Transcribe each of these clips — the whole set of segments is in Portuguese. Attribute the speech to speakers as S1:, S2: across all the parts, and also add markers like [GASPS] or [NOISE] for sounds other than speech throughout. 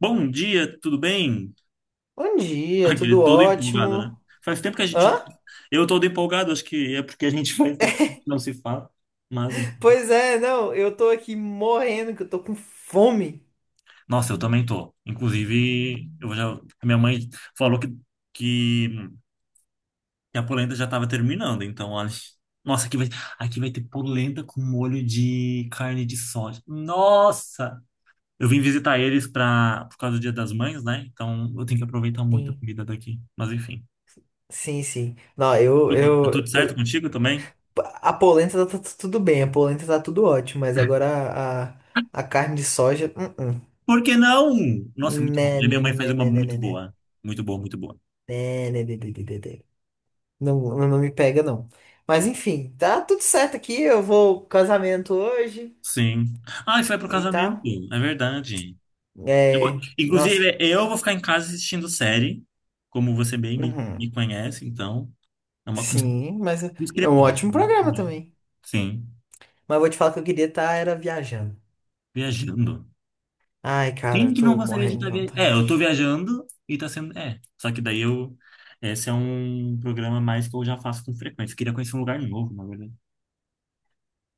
S1: Bom dia, tudo bem?
S2: Bom
S1: [LAUGHS]
S2: dia, tudo
S1: Aquele todo empolgado, né?
S2: ótimo.
S1: Faz tempo que a gente não.
S2: Hã?
S1: Eu todo empolgado, acho que é porque a gente [LAUGHS] faz tempo que não se fala. Mas, hein.
S2: Pois é, não, eu tô aqui morrendo, que eu tô com fome.
S1: Nossa, eu também tô. Inclusive, eu já. A minha mãe falou que, que a polenta já tava terminando, então, olha. Nossa, aqui vai ter polenta com molho de carne de soja. Nossa! Eu vim visitar eles por causa do Dia das Mães, né? Então, eu tenho que aproveitar muito a
S2: Sim,
S1: comida daqui. Mas, enfim.
S2: sim, sim. Não, eu,
S1: Tudo, tá tudo
S2: eu,
S1: certo
S2: eu,
S1: contigo também?
S2: a polenta tá tudo bem, a polenta tá tudo ótimo, mas agora a carne de soja, uh-uh.
S1: Por que não? Nossa, é muito bom.
S2: Né,
S1: E minha
S2: né,
S1: mãe faz
S2: né,
S1: uma
S2: né, né,
S1: muito
S2: né, né.
S1: boa. Muito boa, muito boa.
S2: Né, né, né, né, né, né, né. Não, não me pega, não. Mas enfim, tá tudo certo aqui, eu vou ao casamento hoje
S1: Sim. Ah, e foi pro
S2: e
S1: casamento.
S2: tal.
S1: É verdade. Eu-
S2: É, nossa.
S1: Inclusive, eu vou ficar em casa assistindo série, como você bem me,
S2: Uhum.
S1: me conhece, então é uma coisa
S2: Sim, mas é
S1: [LAUGHS]
S2: é um
S1: discrepante,
S2: ótimo
S1: né?
S2: programa também.
S1: Sim.
S2: Mas eu vou te falar que eu queria estar era viajando.
S1: Viajando.
S2: Ai, cara,
S1: Quem
S2: eu
S1: que não
S2: tô
S1: gostaria de
S2: morrendo de
S1: estar viajando? É, eu tô
S2: vontade.
S1: viajando e tá sendo. É, só que daí eu. Esse é um programa mais que eu já faço com frequência. Queria conhecer um lugar novo, na verdade.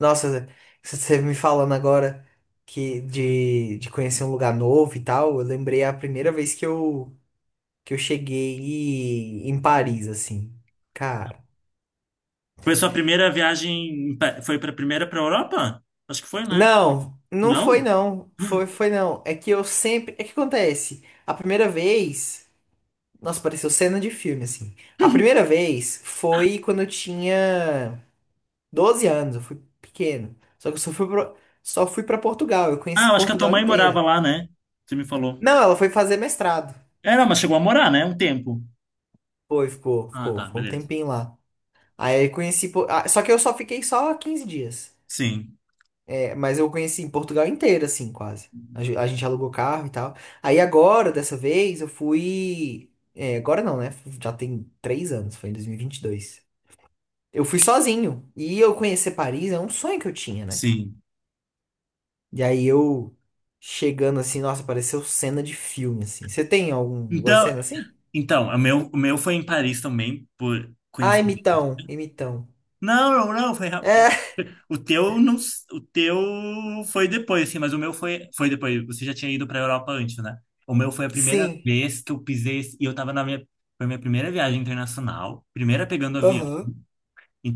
S2: Nossa, Zé, se você me falando agora que de conhecer um lugar novo e tal, eu lembrei a primeira vez que eu cheguei em Paris, assim. Cara.
S1: Foi sua primeira viagem, foi para primeira para Europa? Acho que foi, né?
S2: Não, não foi
S1: Não?
S2: não. Foi, foi não. É que eu sempre. É que acontece. A primeira vez. Nossa, pareceu cena de filme, assim. A primeira vez foi quando eu tinha 12 anos, eu fui pequeno. Só que eu só só fui pra Portugal, eu
S1: Ah,
S2: conheci
S1: eu acho que a tua
S2: Portugal
S1: mãe morava
S2: inteira.
S1: lá, né? Você me falou.
S2: Não, ela foi fazer mestrado.
S1: É, não, mas chegou a morar, né? Um tempo.
S2: Foi, ficou,
S1: Ah,
S2: ficou,
S1: tá,
S2: foi um
S1: beleza.
S2: tempinho lá. Aí eu conheci, só que eu só fiquei só 15 dias.
S1: Sim,
S2: É, mas eu conheci Portugal inteira, assim, quase. A gente alugou carro e tal. Aí agora, dessa vez, eu fui, é, agora não, né? Já tem 3 anos, foi em 2022. Eu fui sozinho. E eu conhecer Paris é um sonho que eu tinha, né?
S1: sim.
S2: E aí eu chegando assim, nossa, pareceu cena de filme, assim. Você tem alguma
S1: Então,
S2: cena assim?
S1: então, o meu foi em Paris também, por
S2: Ah,
S1: coincidência.
S2: imitão, imitão.
S1: Não, não, não,
S2: É, [LAUGHS]
S1: o teu não, o teu foi depois assim, mas o meu foi depois. Você já tinha ido para a Europa antes, né? O meu foi a primeira
S2: sim.
S1: vez que eu pisei e eu tava na minha foi minha primeira viagem internacional, primeira pegando avião.
S2: Aham.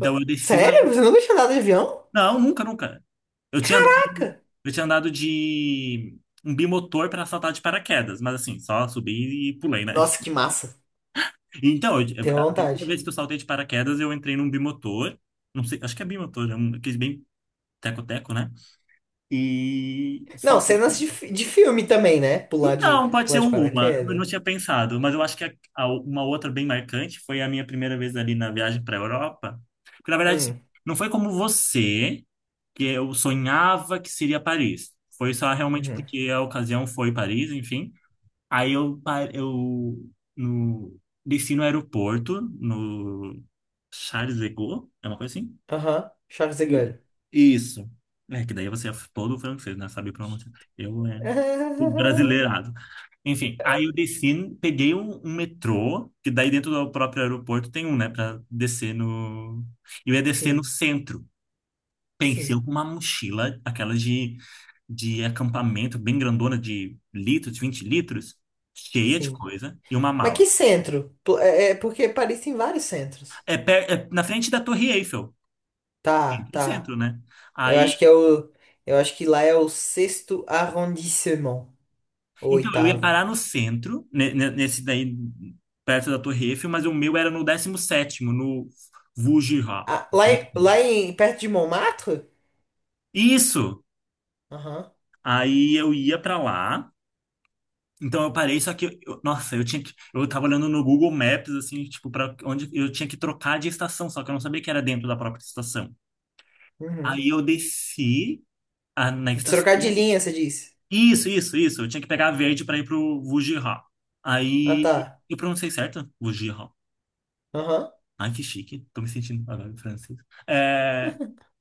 S2: Ah,
S1: eu defino.
S2: sério? Você nunca tinha andado de avião?
S1: Não, nunca, nunca. Eu tinha andado,
S2: Caraca!
S1: eu tinha andado de um bimotor para saltar de paraquedas, mas assim, só subi e pulei, né?
S2: Nossa,
S1: [LAUGHS]
S2: que massa.
S1: Então,
S2: Tenho
S1: a primeira
S2: vontade.
S1: vez que eu saltei de paraquedas, eu entrei num bimotor, não sei, acho que é bimotor, é um, aqueles bem teco-teco, né? E
S2: Não,
S1: saltei.
S2: cenas de filme também, né? Pular de,
S1: Então, pode ser
S2: pular
S1: um,
S2: de
S1: uma, eu
S2: paraquedas.
S1: não tinha pensado, mas eu acho que uma outra bem marcante foi a minha primeira vez ali na viagem para a Europa. Porque, na verdade, assim,
S2: Hum.
S1: não foi como você, que eu sonhava que seria Paris. Foi só realmente
S2: Uhum.
S1: porque a ocasião foi Paris, enfim. Aí eu, no, desci no aeroporto, no Charles de Gaulle, é uma coisa assim?
S2: Aham. Charles de
S1: E-
S2: Gaulle.
S1: Isso. É, que daí você é todo francês, né? Sabe pronunciar. Eu é o
S2: [LAUGHS]
S1: brasileirado. Enfim, aí eu desci, peguei um metrô, que daí dentro do próprio aeroporto tem um, né, pra descer no. Eu ia descer no
S2: Sim,
S1: centro. Pensei com
S2: sim,
S1: uma mochila, aquela de acampamento, bem grandona, de litros, 20 litros, cheia de
S2: sim.
S1: coisa, e uma
S2: Mas
S1: mala.
S2: que centro? É porque Paris tem vários centros.
S1: É, é na frente da Torre Eiffel,
S2: Tá,
S1: no
S2: tá.
S1: centro, né?
S2: Eu
S1: Aí,
S2: acho que é o. Eu acho que lá é o sexto arrondissement. Ou
S1: então, eu ia
S2: oitavo.
S1: parar no centro, nesse daí, perto da Torre Eiffel, mas o meu era no 17º no Vujira.
S2: Ah, lá em, perto de Montmartre?
S1: Isso!
S2: Aham.
S1: Aí eu ia pra lá. Então eu parei, só que, nossa, eu tinha que, eu tava olhando no Google Maps, assim, tipo, para onde eu tinha que trocar de estação, só que eu não sabia que era dentro da própria estação.
S2: Uhum.
S1: Aí eu desci na estação.
S2: Trocadilhinha, você disse.
S1: Isso, isso, isso. Eu tinha que pegar a verde para ir pro Wujiha.
S2: Ah,
S1: Aí
S2: tá.
S1: eu pronunciei certo? Wujiha.
S2: Aham.
S1: Ai, que chique. Tô me sentindo agora francês. É,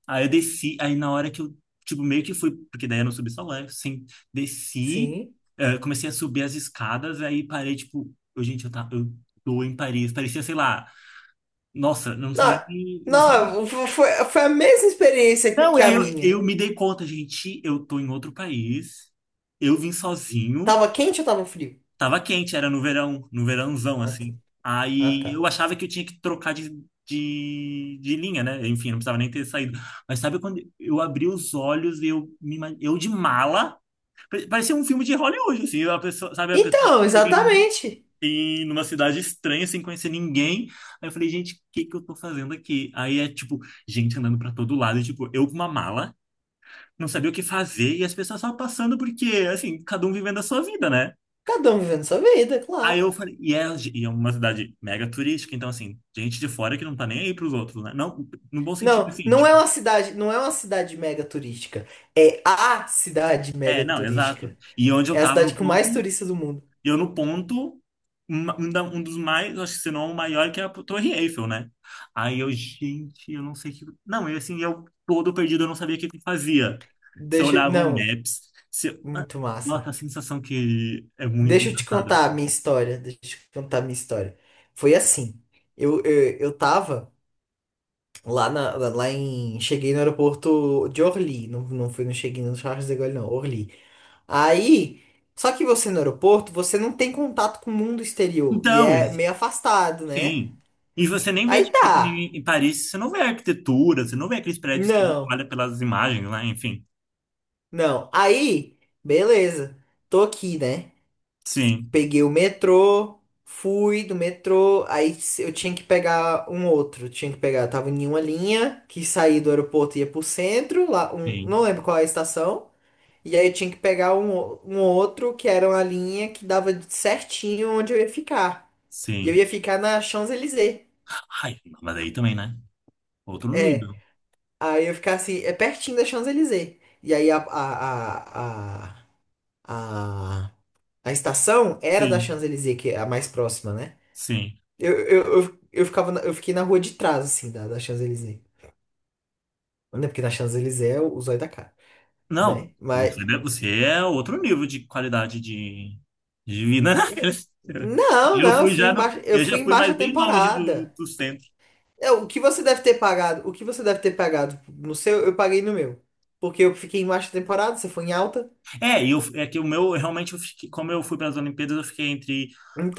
S1: aí eu desci, aí na hora que eu, tipo, meio que fui, porque daí eu não subi sozinho, assim, desci,
S2: Sim.
S1: comecei a subir as escadas, aí parei, tipo, eu, gente, eu, tá, eu tô em Paris, parecia, sei lá, nossa, eu não sei
S2: Não,
S1: nem, não sei nem.
S2: não, foi a mesma experiência
S1: Não, e
S2: que
S1: aí
S2: a
S1: eu,
S2: minha.
S1: eu me dei conta, gente, eu tô em outro país, eu vim sozinho.
S2: Tava quente ou tava frio?
S1: Tava quente, era no verão, no verãozão,
S2: Ah, tá.
S1: assim.
S2: Ah,
S1: Aí eu
S2: tá.
S1: achava que eu tinha que trocar de linha, né? Enfim, não precisava nem ter saído. Mas sabe quando eu abri os olhos e eu de mala, parecia um filme de Hollywood, assim, a pessoa, sabe, a pessoa que
S2: Então,
S1: chega
S2: exatamente.
S1: numa cidade estranha, sem conhecer ninguém. Aí eu falei, gente, o que que eu tô fazendo aqui? Aí é, tipo, gente andando pra todo lado, e, tipo, eu com uma mala, não sabia o que fazer, e as pessoas só passando porque, assim, cada um vivendo a sua vida, né?
S2: Cada um vivendo sua vida, é
S1: Aí
S2: claro.
S1: eu falei, e é uma cidade mega turística, então assim, gente de fora que não tá nem aí pros outros, né? Não, no bom sentido,
S2: Não,
S1: assim, tipo,
S2: não é uma cidade mega turística. É a cidade
S1: é,
S2: mega
S1: não, exato.
S2: turística.
S1: E onde eu
S2: É a
S1: tava
S2: cidade
S1: no
S2: com
S1: ponto,
S2: mais turistas do mundo.
S1: eu no ponto, uma- um, da- um dos mais, acho que se não o maior, que é a Torre Eiffel, né? Aí eu, gente, eu não sei o que. Não, eu assim, eu todo perdido, eu não sabia o que que eu fazia. Se eu
S2: Deixa,
S1: olhava o
S2: não,
S1: Maps, se eu. Ah,
S2: muito
S1: nossa,
S2: massa.
S1: a sensação que é muito
S2: Deixa eu te
S1: engraçada,
S2: contar
S1: assim.
S2: a minha história. Deixa eu te contar a minha história. Foi assim. Eu tava lá na, lá em, cheguei no aeroporto de Orly. Não, não fui, não cheguei no Charles de Gaulle, não, Orly. Aí, só que você no aeroporto, você não tem contato com o mundo exterior e
S1: Então.
S2: é meio afastado, né?
S1: Sim. E você nem vê,
S2: Aí
S1: tipo, que
S2: tá.
S1: em Paris, você não vê arquitetura, você não vê aqueles prédios que a gente
S2: Não,
S1: olha pelas imagens, lá. Enfim.
S2: não. Aí, beleza. Tô aqui, né?
S1: Sim,
S2: Peguei o metrô, fui do metrô, aí se- eu tinha que pegar um outro. Tinha que pegar, tava em uma linha que saía do aeroporto e ia pro centro, lá, não
S1: sim,
S2: lembro qual é a estação. E aí eu tinha que pegar um outro que era uma linha que dava certinho onde eu ia ficar. E eu
S1: sim.
S2: ia ficar na Champs-Élysées.
S1: Ai, mas aí também, né? Outro
S2: É.
S1: nível.
S2: Aí eu ia ficar assim, é pertinho da Champs-Élysées. E aí a, a A estação era da
S1: Sim,
S2: Champs-Élysées, que é a mais próxima, né?
S1: sim.
S2: Eu fiquei na rua de trás, assim, da Champs-Élysées. Né? Porque na Champs-Élysées é o zóio da cara,
S1: Não,
S2: né? Mas,
S1: você, né, você é outro nível de qualidade de vida, né? [LAUGHS]
S2: não,
S1: Eu
S2: não,
S1: fui já no,
S2: eu
S1: eu já
S2: fui em
S1: fui
S2: baixa
S1: mais bem longe do,
S2: temporada.
S1: do centro.
S2: É, o que você deve ter pagado, o que você deve ter pagado no seu, eu paguei no meu. Porque eu fiquei em baixa temporada, você foi em alta.
S1: É, e eu, é que o meu, realmente, como eu fui para as Olimpíadas, eu fiquei entre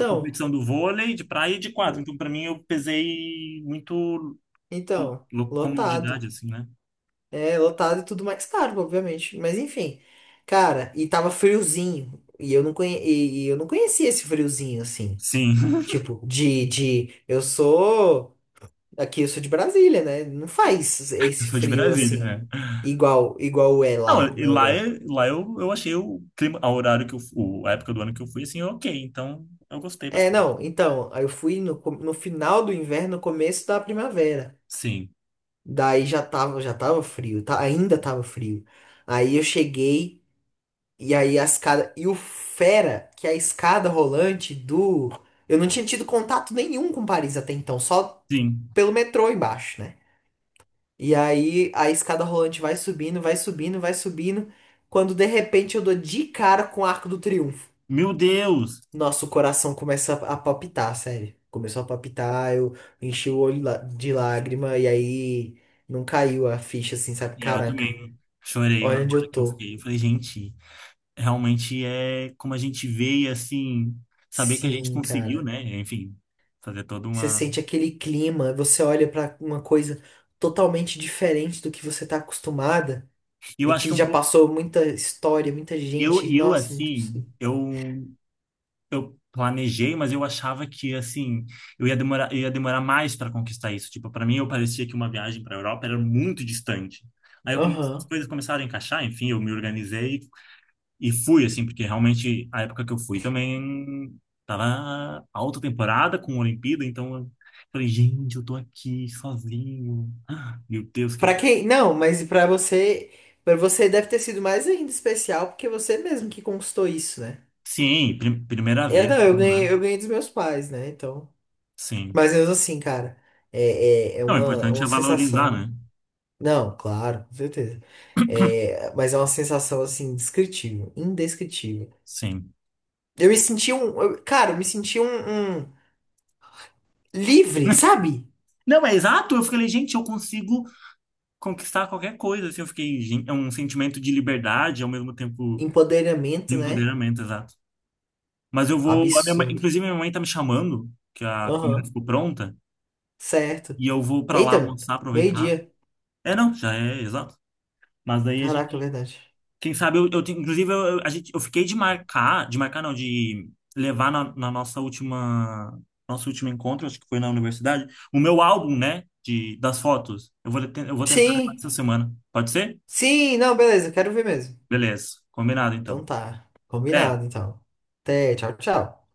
S1: a competição do vôlei, de praia e de quadro. Então, para mim, eu pesei muito
S2: então, lotado.
S1: comodidade, assim, né?
S2: É, lotado e tudo mais caro, obviamente. Mas enfim. Cara, e tava friozinho. E eu não conhecia esse friozinho, assim.
S1: Sim,
S2: Tipo, Aqui eu sou de Brasília, né? Não faz
S1: [LAUGHS] eu
S2: esse
S1: sou de
S2: frio,
S1: Brasília,
S2: assim,
S1: é.
S2: igual é lá
S1: Não, e
S2: na
S1: lá,
S2: Europa.
S1: lá eu achei o clima, o horário que a época do ano que eu fui, assim, ok. Então, eu gostei
S2: É,
S1: bastante.
S2: não. Então, aí eu fui no final do inverno, no começo da primavera.
S1: Sim,
S2: Daí já tava frio, tá? Ainda tava frio. Aí eu cheguei. E aí a escada. E o Fera, que é a escada rolante do. Eu não tinha tido contato nenhum com Paris até então, só
S1: sim.
S2: pelo metrô embaixo, né? E aí a escada rolante vai subindo, vai subindo, vai subindo. Quando de repente eu dou de cara com o Arco do Triunfo.
S1: Meu Deus!
S2: Nossa, o coração começa a palpitar, sério. Começou a palpitar, eu enchi o olho de lágrima e aí não caiu a ficha assim, sabe?
S1: E eu
S2: Caraca,
S1: também chorei na
S2: olha onde eu
S1: hora que eu
S2: tô.
S1: fiquei. Eu falei, gente. Realmente é como a gente vê e assim, saber que a gente
S2: Sim,
S1: conseguiu,
S2: cara.
S1: né? Enfim, fazer toda
S2: Você
S1: uma.
S2: sente aquele clima, você olha para uma coisa totalmente diferente do que você está acostumada
S1: E eu
S2: e
S1: acho
S2: que
S1: que um
S2: já
S1: pouco.
S2: passou muita história, muita
S1: Eu,
S2: gente.
S1: eu
S2: Nossa, muito
S1: assim,
S2: absurdo.
S1: eu, eu planejei, mas eu achava que, assim, eu ia demorar mais para conquistar isso. Tipo, para mim, eu parecia que uma viagem para a Europa era muito distante. Aí as
S2: Aham.
S1: coisas começaram a encaixar, enfim, eu me organizei. E fui, assim, porque realmente a época que eu fui também tava alta temporada com a Olimpíada, então eu falei, gente, eu tô aqui sozinho. [GASPS] Ah, Meu Deus, que.
S2: Para quem? Não, mas para você deve ter sido mais ainda especial porque você mesmo que conquistou isso, né?
S1: Sim, primeira
S2: É,
S1: vez,
S2: não, eu
S1: tudo, né?
S2: ganhei, eu ganhei dos meus pais, né? Então,
S1: Sim.
S2: mas mesmo assim, cara, é, é, é
S1: Não, o
S2: uma, é
S1: importante
S2: uma
S1: é valorizar,
S2: sensação.
S1: né?
S2: Não, claro, com certeza. É, mas é uma sensação assim, descritível, indescritível.
S1: Sim.
S2: Eu me senti um, cara, eu me senti um, livre, sabe?
S1: Não, é exato. Eu falei, gente, eu consigo conquistar qualquer coisa. Assim, eu fiquei, gente, é um sentimento de liberdade, ao mesmo tempo de
S2: Empoderamento, né?
S1: empoderamento, exato. Mas eu vou. a minha mãe-
S2: Absurdo.
S1: inclusive, minha mãe tá me chamando, que a comida
S2: Aham,
S1: ficou pronta.
S2: certo.
S1: E eu vou para lá
S2: Eita,
S1: almoçar, aproveitar.
S2: meio-dia.
S1: É, não, já é, exato. Mas daí a
S2: Caraca, é
S1: gente,
S2: verdade.
S1: quem sabe, inclusive, eu fiquei de marcar não, de levar na nossa última, nosso último encontro, acho que foi na universidade, o meu álbum, né, das fotos. Eu vou tentar levar essa
S2: Sim,
S1: semana. Pode ser?
S2: sim, não, beleza, quero ver mesmo.
S1: Beleza, combinado
S2: Então
S1: então.
S2: tá,
S1: Até.
S2: combinado então. Até, tchau, tchau.